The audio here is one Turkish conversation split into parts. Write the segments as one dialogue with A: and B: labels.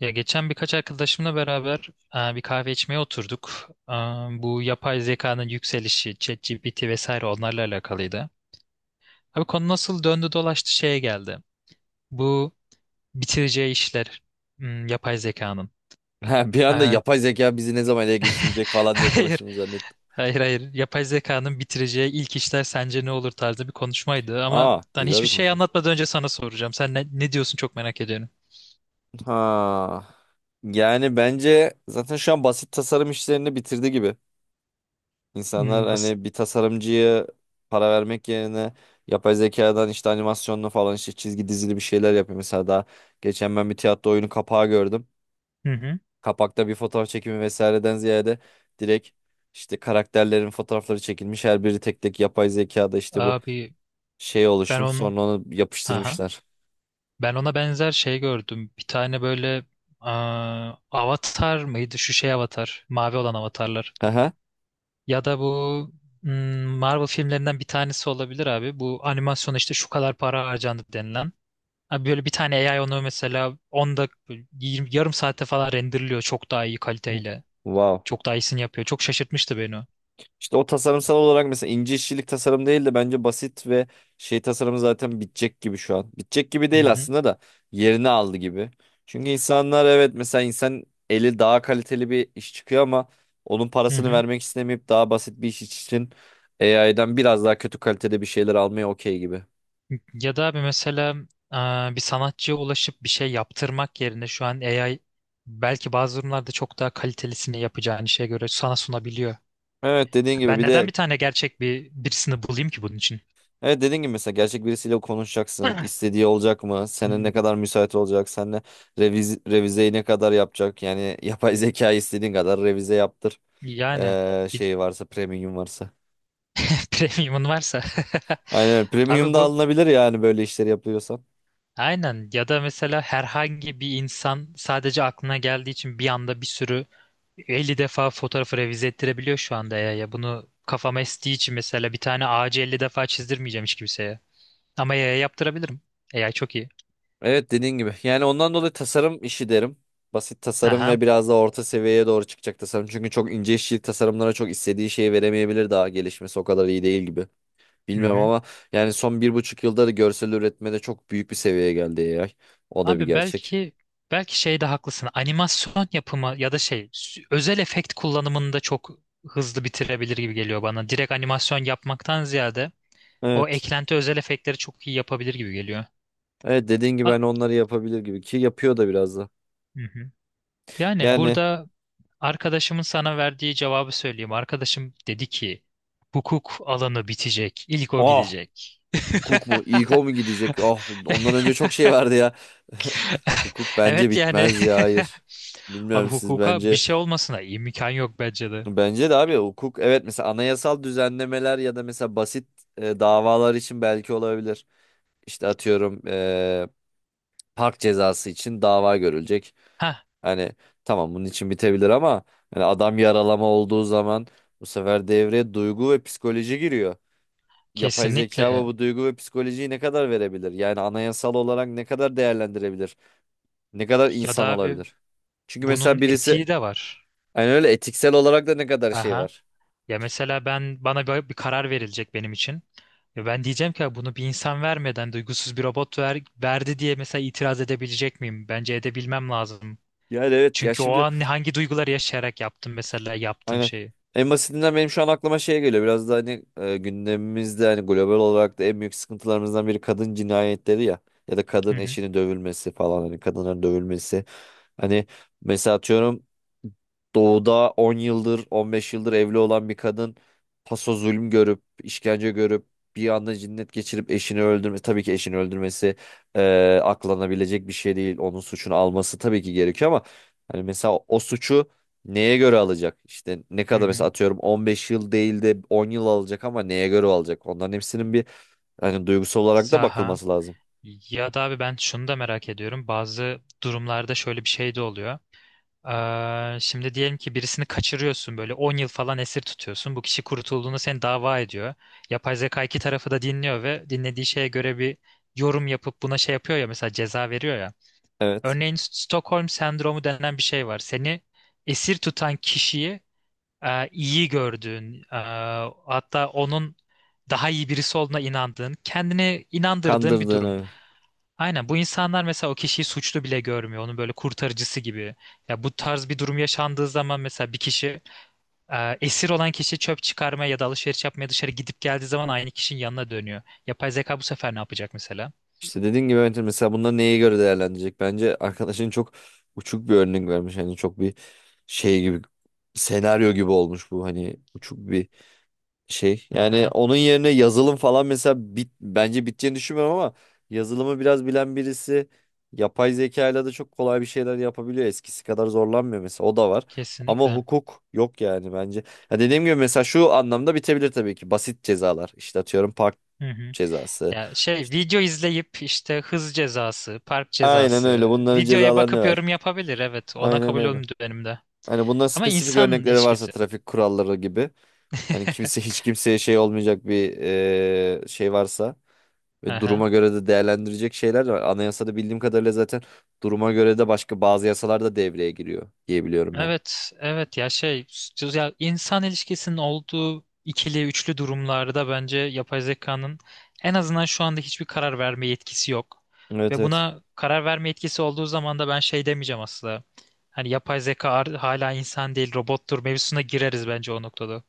A: Ya geçen birkaç arkadaşımla beraber bir kahve içmeye oturduk. Bu yapay zekanın yükselişi, ChatGPT vesaire onlarla alakalıydı. Abi konu nasıl döndü dolaştı şeye geldi. Bu bitireceği işler, yapay zekanın.
B: Ha, bir anda
A: E,
B: yapay zeka bizi ne zaman ele geçirecek falan diye
A: Hayır,
B: konuştuğunu zannettim.
A: hayır, hayır. Yapay zekanın bitireceği ilk işler sence ne olur tarzı bir konuşmaydı. Ama
B: Aa,
A: hani
B: güzel bir
A: hiçbir şey
B: konuşmuş.
A: anlatmadan önce sana soracağım. Sen ne diyorsun, çok merak ediyorum.
B: Ha. Yani bence zaten şu an basit tasarım işlerini bitirdi gibi. İnsanlar
A: Bas.
B: hani bir tasarımcıya para vermek yerine yapay zekadan işte animasyonlu falan işte çizgi dizili bir şeyler yapıyor. Mesela daha geçen ben bir tiyatro oyunu kapağı gördüm.
A: Hı hı.
B: Kapakta bir fotoğraf çekimi vesaireden ziyade direkt işte karakterlerin fotoğrafları çekilmiş. Her biri tek tek yapay zekada işte bu
A: Abi
B: şey
A: ben
B: oluşturup
A: onun...
B: sonra onu
A: Aha.
B: yapıştırmışlar.
A: Ben ona benzer şey gördüm. Bir tane böyle, Avatar mıydı? Şu şey Avatar. Mavi olan avatarlar.
B: Haha.
A: Ya da bu Marvel filmlerinden bir tanesi olabilir abi. Bu animasyona işte şu kadar para harcandı denilen. Abi böyle bir tane AI onu mesela 10 dak 20, yarım saatte falan renderliyor. Çok daha iyi kaliteyle.
B: Wow.
A: Çok daha iyisini yapıyor. Çok şaşırtmıştı beni o.
B: İşte o tasarımsal olarak mesela ince işçilik tasarım değil de bence basit ve şey tasarımı zaten bitecek gibi şu an. Bitecek gibi
A: Hı
B: değil
A: hı.
B: aslında da yerini aldı gibi. Çünkü insanlar evet mesela insan eli daha kaliteli bir iş çıkıyor ama onun
A: Hı
B: parasını
A: hı.
B: vermek istemeyip daha basit bir iş için AI'den biraz daha kötü kalitede bir şeyler almaya okey gibi.
A: Ya da bir mesela, bir sanatçıya ulaşıp bir şey yaptırmak yerine şu an AI belki bazı durumlarda çok daha kalitelisini yapacağın işe göre sana sunabiliyor.
B: Evet dediğin gibi
A: Ben
B: bir
A: neden
B: de
A: bir tane gerçek bir birisini bulayım ki bunun için?
B: Evet dediğin gibi mesela gerçek birisiyle konuşacaksın. İstediği olacak mı? Senin ne
A: Hmm.
B: kadar müsait olacak? Seninle revizeyi ne kadar yapacak? Yani yapay zeka istediğin kadar revize yaptır.
A: Yani
B: Ee,
A: bir
B: şey varsa premium varsa.
A: premiumun varsa.
B: Aynen premium
A: Abi
B: da
A: bu
B: alınabilir yani böyle işleri yapıyorsan.
A: aynen ya da mesela herhangi bir insan sadece aklına geldiği için bir anda bir sürü 50 defa fotoğrafı revize ettirebiliyor şu anda ya. Ya bunu kafama estiği için mesela bir tane ağacı 50 defa çizdirmeyeceğim hiç kimseye. Ama AI'ya yaptırabilirim. AI çok iyi.
B: Evet dediğin gibi. Yani ondan dolayı tasarım işi derim. Basit tasarım ve
A: Aha.
B: biraz da orta seviyeye doğru çıkacak tasarım. Çünkü çok ince işçilik tasarımlara çok istediği şeyi veremeyebilir daha gelişmesi o kadar iyi değil gibi.
A: Hı
B: Bilmiyorum
A: hı.
B: ama yani son 1,5 yılda da görsel üretmede çok büyük bir seviyeye geldi AI. O da bir
A: Abi
B: gerçek.
A: belki şeyde haklısın. Animasyon yapımı ya da şey özel efekt kullanımında çok hızlı bitirebilir gibi geliyor bana. Direkt animasyon yapmaktan ziyade o
B: Evet.
A: eklenti özel efektleri çok iyi yapabilir gibi geliyor.
B: Evet dediğin gibi
A: A-
B: hani onları yapabilir gibi ki yapıyor da biraz da.
A: Hı hı. Yani
B: Yani
A: burada arkadaşımın sana verdiği cevabı söyleyeyim. Arkadaşım dedi ki hukuk alanı bitecek. İlk o
B: ah,
A: gidecek.
B: hukuk mu İko mu gidecek? Ah, ondan önce çok şey vardı ya. Hukuk bence
A: Evet yani.
B: bitmez ya hayır.
A: Abi
B: Bilmiyorum siz
A: hukuka bir
B: bence.
A: şey olmasına imkan yok bence de.
B: Bence de abi hukuk evet mesela anayasal düzenlemeler ya da mesela basit, davalar için belki olabilir. İşte atıyorum, park cezası için dava görülecek.
A: Ha,
B: Hani tamam bunun için bitebilir ama hani adam yaralama olduğu zaman bu sefer devreye duygu ve psikoloji giriyor. Yapay zeka bu
A: kesinlikle.
B: bu duygu ve psikolojiyi ne kadar verebilir? Yani anayasal olarak ne kadar değerlendirebilir? Ne kadar
A: Ya da
B: insan
A: abi
B: olabilir? Çünkü mesela
A: bunun
B: birisi
A: etiği de var.
B: hani öyle etiksel olarak da ne kadar şey
A: Aha.
B: var.
A: Ya mesela ben bana bir karar verilecek benim için. Ya ben diyeceğim ki "Ya bunu bir insan vermeden duygusuz bir robot ver, verdi diye mesela itiraz edebilecek miyim? Bence edebilmem lazım.
B: Yani evet ya
A: Çünkü o
B: şimdi.
A: an hangi duyguları yaşayarak yaptım mesela yaptığım
B: Aynen.
A: şeyi.
B: En basitinden benim şu an aklıma şey geliyor. Biraz da hani, gündemimizde hani global olarak da en büyük sıkıntılarımızdan biri kadın cinayetleri ya. Ya da
A: Hı
B: kadın
A: hı.
B: eşinin dövülmesi falan hani kadınların dövülmesi. Hani mesela atıyorum doğuda 10 yıldır 15 yıldır evli olan bir kadın paso zulüm görüp işkence görüp bir anda cinnet geçirip eşini öldürmesi tabii ki eşini öldürmesi, aklanabilecek bir şey değil onun suçunu alması tabii ki gerekiyor ama hani mesela o suçu neye göre alacak? İşte ne
A: Hı
B: kadar mesela
A: hı.
B: atıyorum 15 yıl değil de 10 yıl alacak ama neye göre alacak? Onların hepsinin bir hani duygusal olarak da
A: Saha.
B: bakılması lazım.
A: Ya da abi ben şunu da merak ediyorum. Bazı durumlarda şöyle bir şey de oluyor. Şimdi diyelim ki birisini kaçırıyorsun böyle 10 yıl falan esir tutuyorsun. Bu kişi kurtulduğunda seni dava ediyor. Yapay zeka iki tarafı da dinliyor ve dinlediği şeye göre bir yorum yapıp buna şey yapıyor ya, mesela ceza veriyor ya.
B: Evet.
A: Örneğin Stockholm sendromu denen bir şey var. Seni esir tutan kişiyi, iyi gördüğün, hatta onun daha iyi birisi olduğuna inandığın, kendini inandırdığın bir durum.
B: Kandırdığını.
A: Aynen, bu insanlar mesela o kişiyi suçlu bile görmüyor. Onun böyle kurtarıcısı gibi. Ya bu tarz bir durum yaşandığı zaman mesela bir kişi, esir olan kişi çöp çıkarmaya ya da alışveriş yapmaya dışarı gidip geldiği zaman aynı kişinin yanına dönüyor. Yapay zeka bu sefer ne yapacak mesela?
B: İşte dediğin gibi evet, mesela bunlar neye göre değerlendirecek? Bence arkadaşın çok uçuk bir örnek vermiş. Hani çok bir şey gibi senaryo gibi olmuş bu. Hani uçuk bir şey. Yani
A: Aha,
B: onun yerine yazılım falan mesela bence biteceğini düşünmüyorum ama yazılımı biraz bilen birisi yapay zekayla da çok kolay bir şeyler yapabiliyor. Eskisi kadar zorlanmıyor mesela o da var. Ama
A: kesinlikle.
B: hukuk yok yani bence. Ya dediğim gibi mesela şu anlamda bitebilir tabii ki. Basit cezalar. İşte atıyorum park
A: Hı hı.
B: cezası.
A: Ya şey
B: İşte
A: video izleyip işte hız cezası, park
B: aynen
A: cezası,
B: öyle. Bunların
A: videoya
B: cezalarını
A: bakıp
B: ver.
A: yorum yapabilir, evet. Ona
B: Aynen
A: kabul
B: öyle.
A: olmuyor benim de.
B: Hani bunların
A: Ama
B: spesifik
A: insan
B: örnekleri varsa
A: ilişkisi.
B: trafik kuralları gibi. Hani kimse hiç kimseye şey olmayacak bir şey varsa. Ve duruma göre de değerlendirecek şeyler de var. Anayasada bildiğim kadarıyla zaten duruma göre de başka bazı yasalar da devreye giriyor diye biliyorum ben.
A: Evet, evet ya şey, ya insan ilişkisinin olduğu ikili üçlü durumlarda bence yapay zekanın en azından şu anda hiçbir karar verme yetkisi yok.
B: Evet,
A: Ve
B: evet.
A: buna karar verme yetkisi olduğu zaman da ben şey demeyeceğim aslında. Hani yapay zeka hala insan değil robottur mevzusuna gireriz bence o noktada.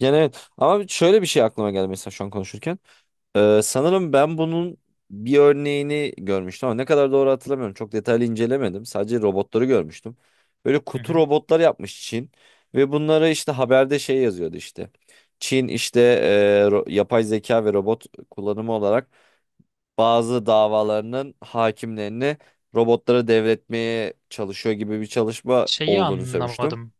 B: Yani evet ama şöyle bir şey aklıma geldi mesela şu an konuşurken. Sanırım ben bunun bir örneğini görmüştüm ama ne kadar doğru hatırlamıyorum. Çok detaylı incelemedim. Sadece robotları görmüştüm. Böyle
A: Hı
B: kutu
A: hı.
B: robotlar yapmış Çin ve bunlara işte haberde şey yazıyordu işte. Çin işte yapay zeka ve robot kullanımı olarak bazı davalarının hakimlerini robotlara devretmeye çalışıyor gibi bir çalışma
A: Şeyi
B: olduğunu söylemiştim.
A: anlamadım.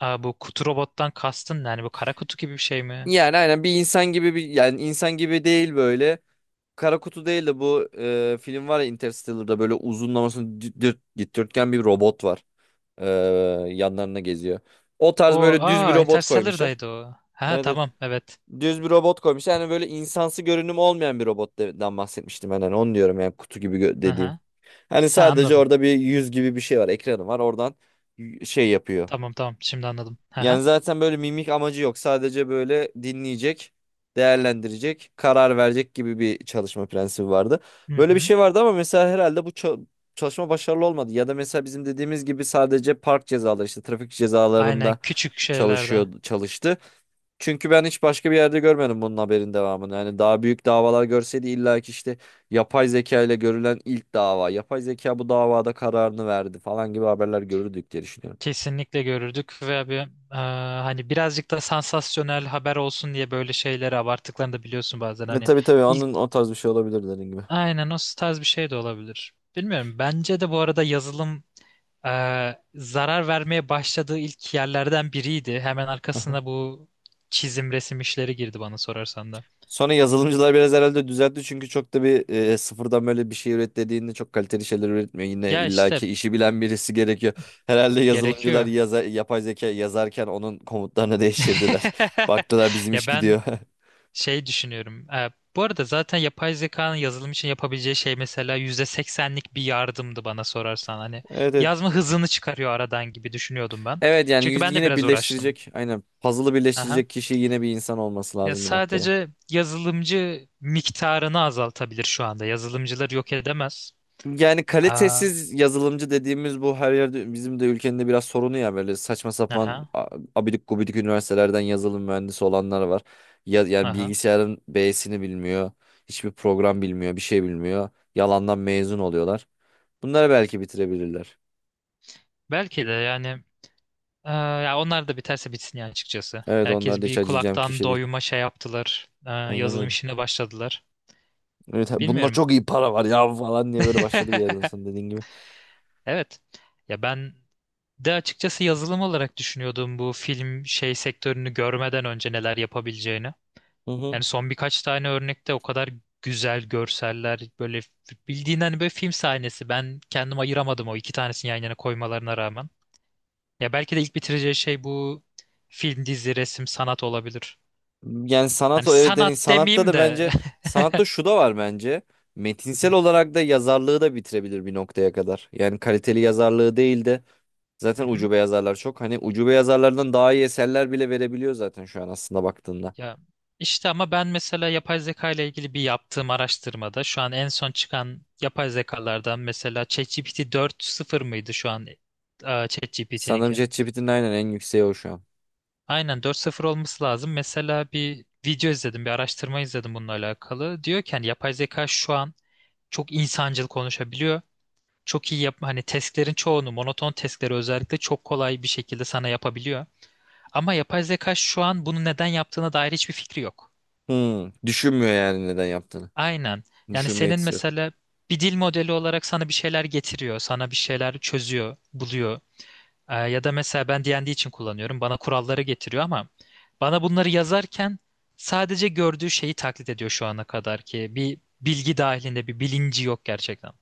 A: Aa, bu kutu robottan kastın ne? Yani bu kara kutu gibi bir şey mi?
B: Yani aynen bir insan gibi bir yani insan gibi değil böyle. Kara kutu değil de bu, film var ya Interstellar'da böyle uzunlamasını dikdörtgen bir robot var. E, yanlarına geziyor. O tarz
A: O,
B: böyle düz bir
A: aa,
B: robot koymuşlar.
A: Interstellar'daydı o. Ha
B: Evet, evet.
A: tamam, evet.
B: Düz bir robot koymuşlar. Yani böyle insansı görünüm olmayan bir robottan bahsetmiştim ben. Yani onu diyorum yani kutu gibi dediğim.
A: Aha.
B: Hani
A: Ha,
B: sadece
A: anladım.
B: orada bir yüz gibi bir şey var, ekranı var. Oradan şey yapıyor.
A: Tamam tamam, şimdi anladım. Hı.
B: Yani zaten böyle mimik amacı yok. Sadece böyle dinleyecek, değerlendirecek, karar verecek gibi bir çalışma prensibi vardı.
A: Hı
B: Böyle bir
A: hı.
B: şey vardı ama mesela herhalde bu çalışma başarılı olmadı. Ya da mesela bizim dediğimiz gibi sadece park cezaları işte trafik
A: Aynen,
B: cezalarında
A: küçük şeylerde
B: çalışıyor çalıştı. Çünkü ben hiç başka bir yerde görmedim bunun haberin devamını. Yani daha büyük davalar görseydi illa ki işte yapay zeka ile görülen ilk dava. Yapay zeka bu davada kararını verdi falan gibi haberler görürdük diye düşünüyorum.
A: kesinlikle görürdük ve hani birazcık da sansasyonel haber olsun diye böyle şeyleri abarttıklarını da biliyorsun bazen,
B: E,
A: hani
B: tabii tabii
A: ilk
B: onun o tarz bir şey olabilir dediğin gibi.
A: aynen o tarz bir şey de olabilir. Bilmiyorum, bence de bu arada yazılım, e, zarar vermeye başladığı ilk yerlerden biriydi. Hemen
B: Aha.
A: arkasına bu çizim resim işleri girdi bana sorarsan da.
B: Sonra yazılımcılar biraz herhalde düzeltti çünkü çok da bir, sıfırdan böyle bir şey üret dediğinde çok kaliteli şeyler üretmiyor. Yine
A: Ya işte
B: illaki işi bilen birisi gerekiyor. Herhalde yazılımcılar
A: gerekiyor.
B: yapay zeka yazarken onun komutlarını değiştirdiler. Baktılar bizim iş
A: Ya ben
B: gidiyor.
A: şey düşünüyorum. Bu arada zaten yapay zekanın yazılım için yapabileceği şey mesela %80'lik bir yardımdı bana sorarsan. Hani
B: Evet, evet.
A: yazma hızını çıkarıyor aradan gibi düşünüyordum ben.
B: Evet yani
A: Çünkü ben de
B: yine
A: biraz uğraştım.
B: birleştirecek aynen puzzle'ı
A: Aha.
B: birleştirecek kişi yine bir insan olması
A: Ya
B: lazım bir noktada.
A: sadece yazılımcı miktarını azaltabilir şu anda. Yazılımcılar yok edemez.
B: Yani
A: Aa,
B: kalitesiz yazılımcı dediğimiz bu her yerde bizim de ülkenin de biraz sorunu ya böyle saçma sapan
A: aha,
B: abidik gubidik üniversitelerden yazılım mühendisi olanlar var. Ya, yani
A: aha.
B: bilgisayarın B'sini bilmiyor. Hiçbir program bilmiyor, bir şey bilmiyor. Yalandan mezun oluyorlar. Bunları belki bitirebilirler.
A: Belki de yani, ya onlar da biterse bitsin ya, açıkçası.
B: Evet onlar
A: Herkes
B: da
A: bir
B: hiç acıyacağım
A: kulaktan
B: kişi değil.
A: doyuma şey yaptılar.
B: Aynen
A: Yazılım
B: öyle.
A: işine başladılar.
B: Evet, ha, bununla
A: Bilmiyorum.
B: çok iyi para var ya falan diye böyle başladı bir yerden sonra dediğin gibi.
A: Evet. Ya ben de açıkçası yazılım olarak düşünüyordum bu film şey sektörünü görmeden önce neler yapabileceğini.
B: Hı hı.
A: Yani son birkaç tane örnekte o kadar güzel görseller, böyle bildiğin hani böyle film sahnesi. Ben kendim ayıramadım o iki tanesini yan yana koymalarına rağmen. Ya belki de ilk bitireceği şey bu film, dizi, resim, sanat olabilir.
B: Yani sanat
A: Hani
B: o evet yani
A: sanat
B: sanatta
A: demeyeyim
B: da
A: de.
B: bence sanatta şu da var bence. Metinsel olarak da yazarlığı da bitirebilir bir noktaya kadar. Yani kaliteli yazarlığı değil de
A: Hı
B: zaten
A: hı.
B: ucube yazarlar çok. Hani ucube yazarlardan daha iyi eserler bile verebiliyor zaten şu an aslında baktığında.
A: Ya işte, ama ben mesela yapay zeka ile ilgili bir yaptığım araştırmada şu an en son çıkan yapay zekalardan mesela ChatGPT 4.0 mıydı şu an,
B: Sanırım
A: ChatGPT'ninki?
B: ChatGPT'nin aynen en yükseği o şu an.
A: Aynen, 4.0 olması lazım. Mesela bir video izledim, bir araştırma izledim bununla alakalı. Diyor ki hani yapay zeka şu an çok insancıl konuşabiliyor. Çok iyi yap, hani testlerin çoğunu, monoton testleri özellikle çok kolay bir şekilde sana yapabiliyor. Ama yapay zeka şu an bunu neden yaptığına dair hiçbir fikri yok.
B: Hmm, düşünmüyor yani neden yaptığını.
A: Aynen. Yani
B: Düşünme
A: senin
B: yetisi yok.
A: mesela bir dil modeli olarak sana bir şeyler getiriyor, sana bir şeyler çözüyor, buluyor. Ya da mesela ben D&D için kullanıyorum. Bana kuralları getiriyor ama bana bunları yazarken sadece gördüğü şeyi taklit ediyor şu ana kadar ki bir bilgi dahilinde bir bilinci yok gerçekten.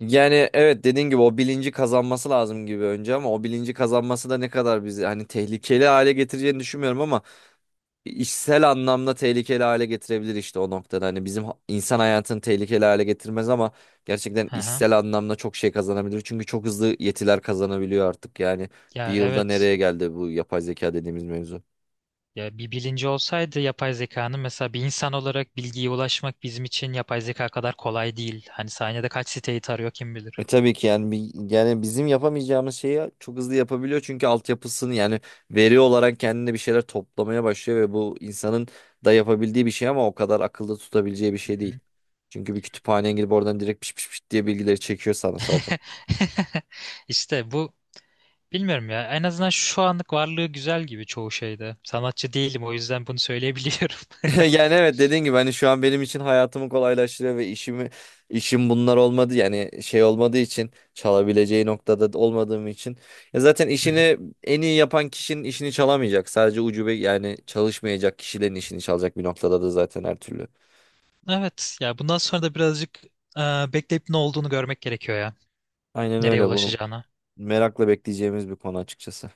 B: Yani evet dediğin gibi o bilinci kazanması lazım gibi önce ama o bilinci kazanması da ne kadar bizi hani tehlikeli hale getireceğini düşünmüyorum ama işsel anlamda tehlikeli hale getirebilir işte o noktada. Hani bizim insan hayatını tehlikeli hale getirmez ama gerçekten
A: Hı hı.
B: işsel anlamda çok şey kazanabilir. Çünkü çok hızlı yetiler kazanabiliyor artık. Yani bir
A: Ya
B: yılda
A: evet.
B: nereye geldi bu yapay zeka dediğimiz mevzu?
A: Ya bir bilinci olsaydı yapay zekanın, mesela bir insan olarak bilgiye ulaşmak bizim için yapay zeka kadar kolay değil. Hani saniyede kaç siteyi tarıyor kim
B: E
A: bilir.
B: tabii ki yani bir, yani bizim yapamayacağımız şeyi çok hızlı yapabiliyor çünkü altyapısını yani veri olarak kendine bir şeyler toplamaya başlıyor ve bu insanın da yapabildiği bir şey ama o kadar akılda tutabileceği bir
A: Hı
B: şey değil.
A: hı.
B: Çünkü bir kütüphaneye girip oradan direkt piş piş piş diye bilgileri çekiyor sana zaten.
A: İşte bu, bilmiyorum ya. En azından şu anlık varlığı güzel gibi çoğu şeyde. Sanatçı değilim, o yüzden bunu söyleyebiliyorum.
B: Yani evet dediğin gibi hani şu an benim için hayatımı kolaylaştırıyor ve işim bunlar olmadı yani şey olmadığı için çalabileceği noktada da olmadığım için ya zaten
A: Hı hı.
B: işini en iyi yapan kişinin işini çalamayacak sadece ucube yani çalışmayacak kişilerin işini çalacak bir noktada da zaten her türlü.
A: Evet ya, bundan sonra da birazcık, e, bekleyip ne olduğunu görmek gerekiyor ya.
B: Aynen
A: Nereye
B: öyle bu
A: ulaşacağına.
B: merakla bekleyeceğimiz bir konu açıkçası.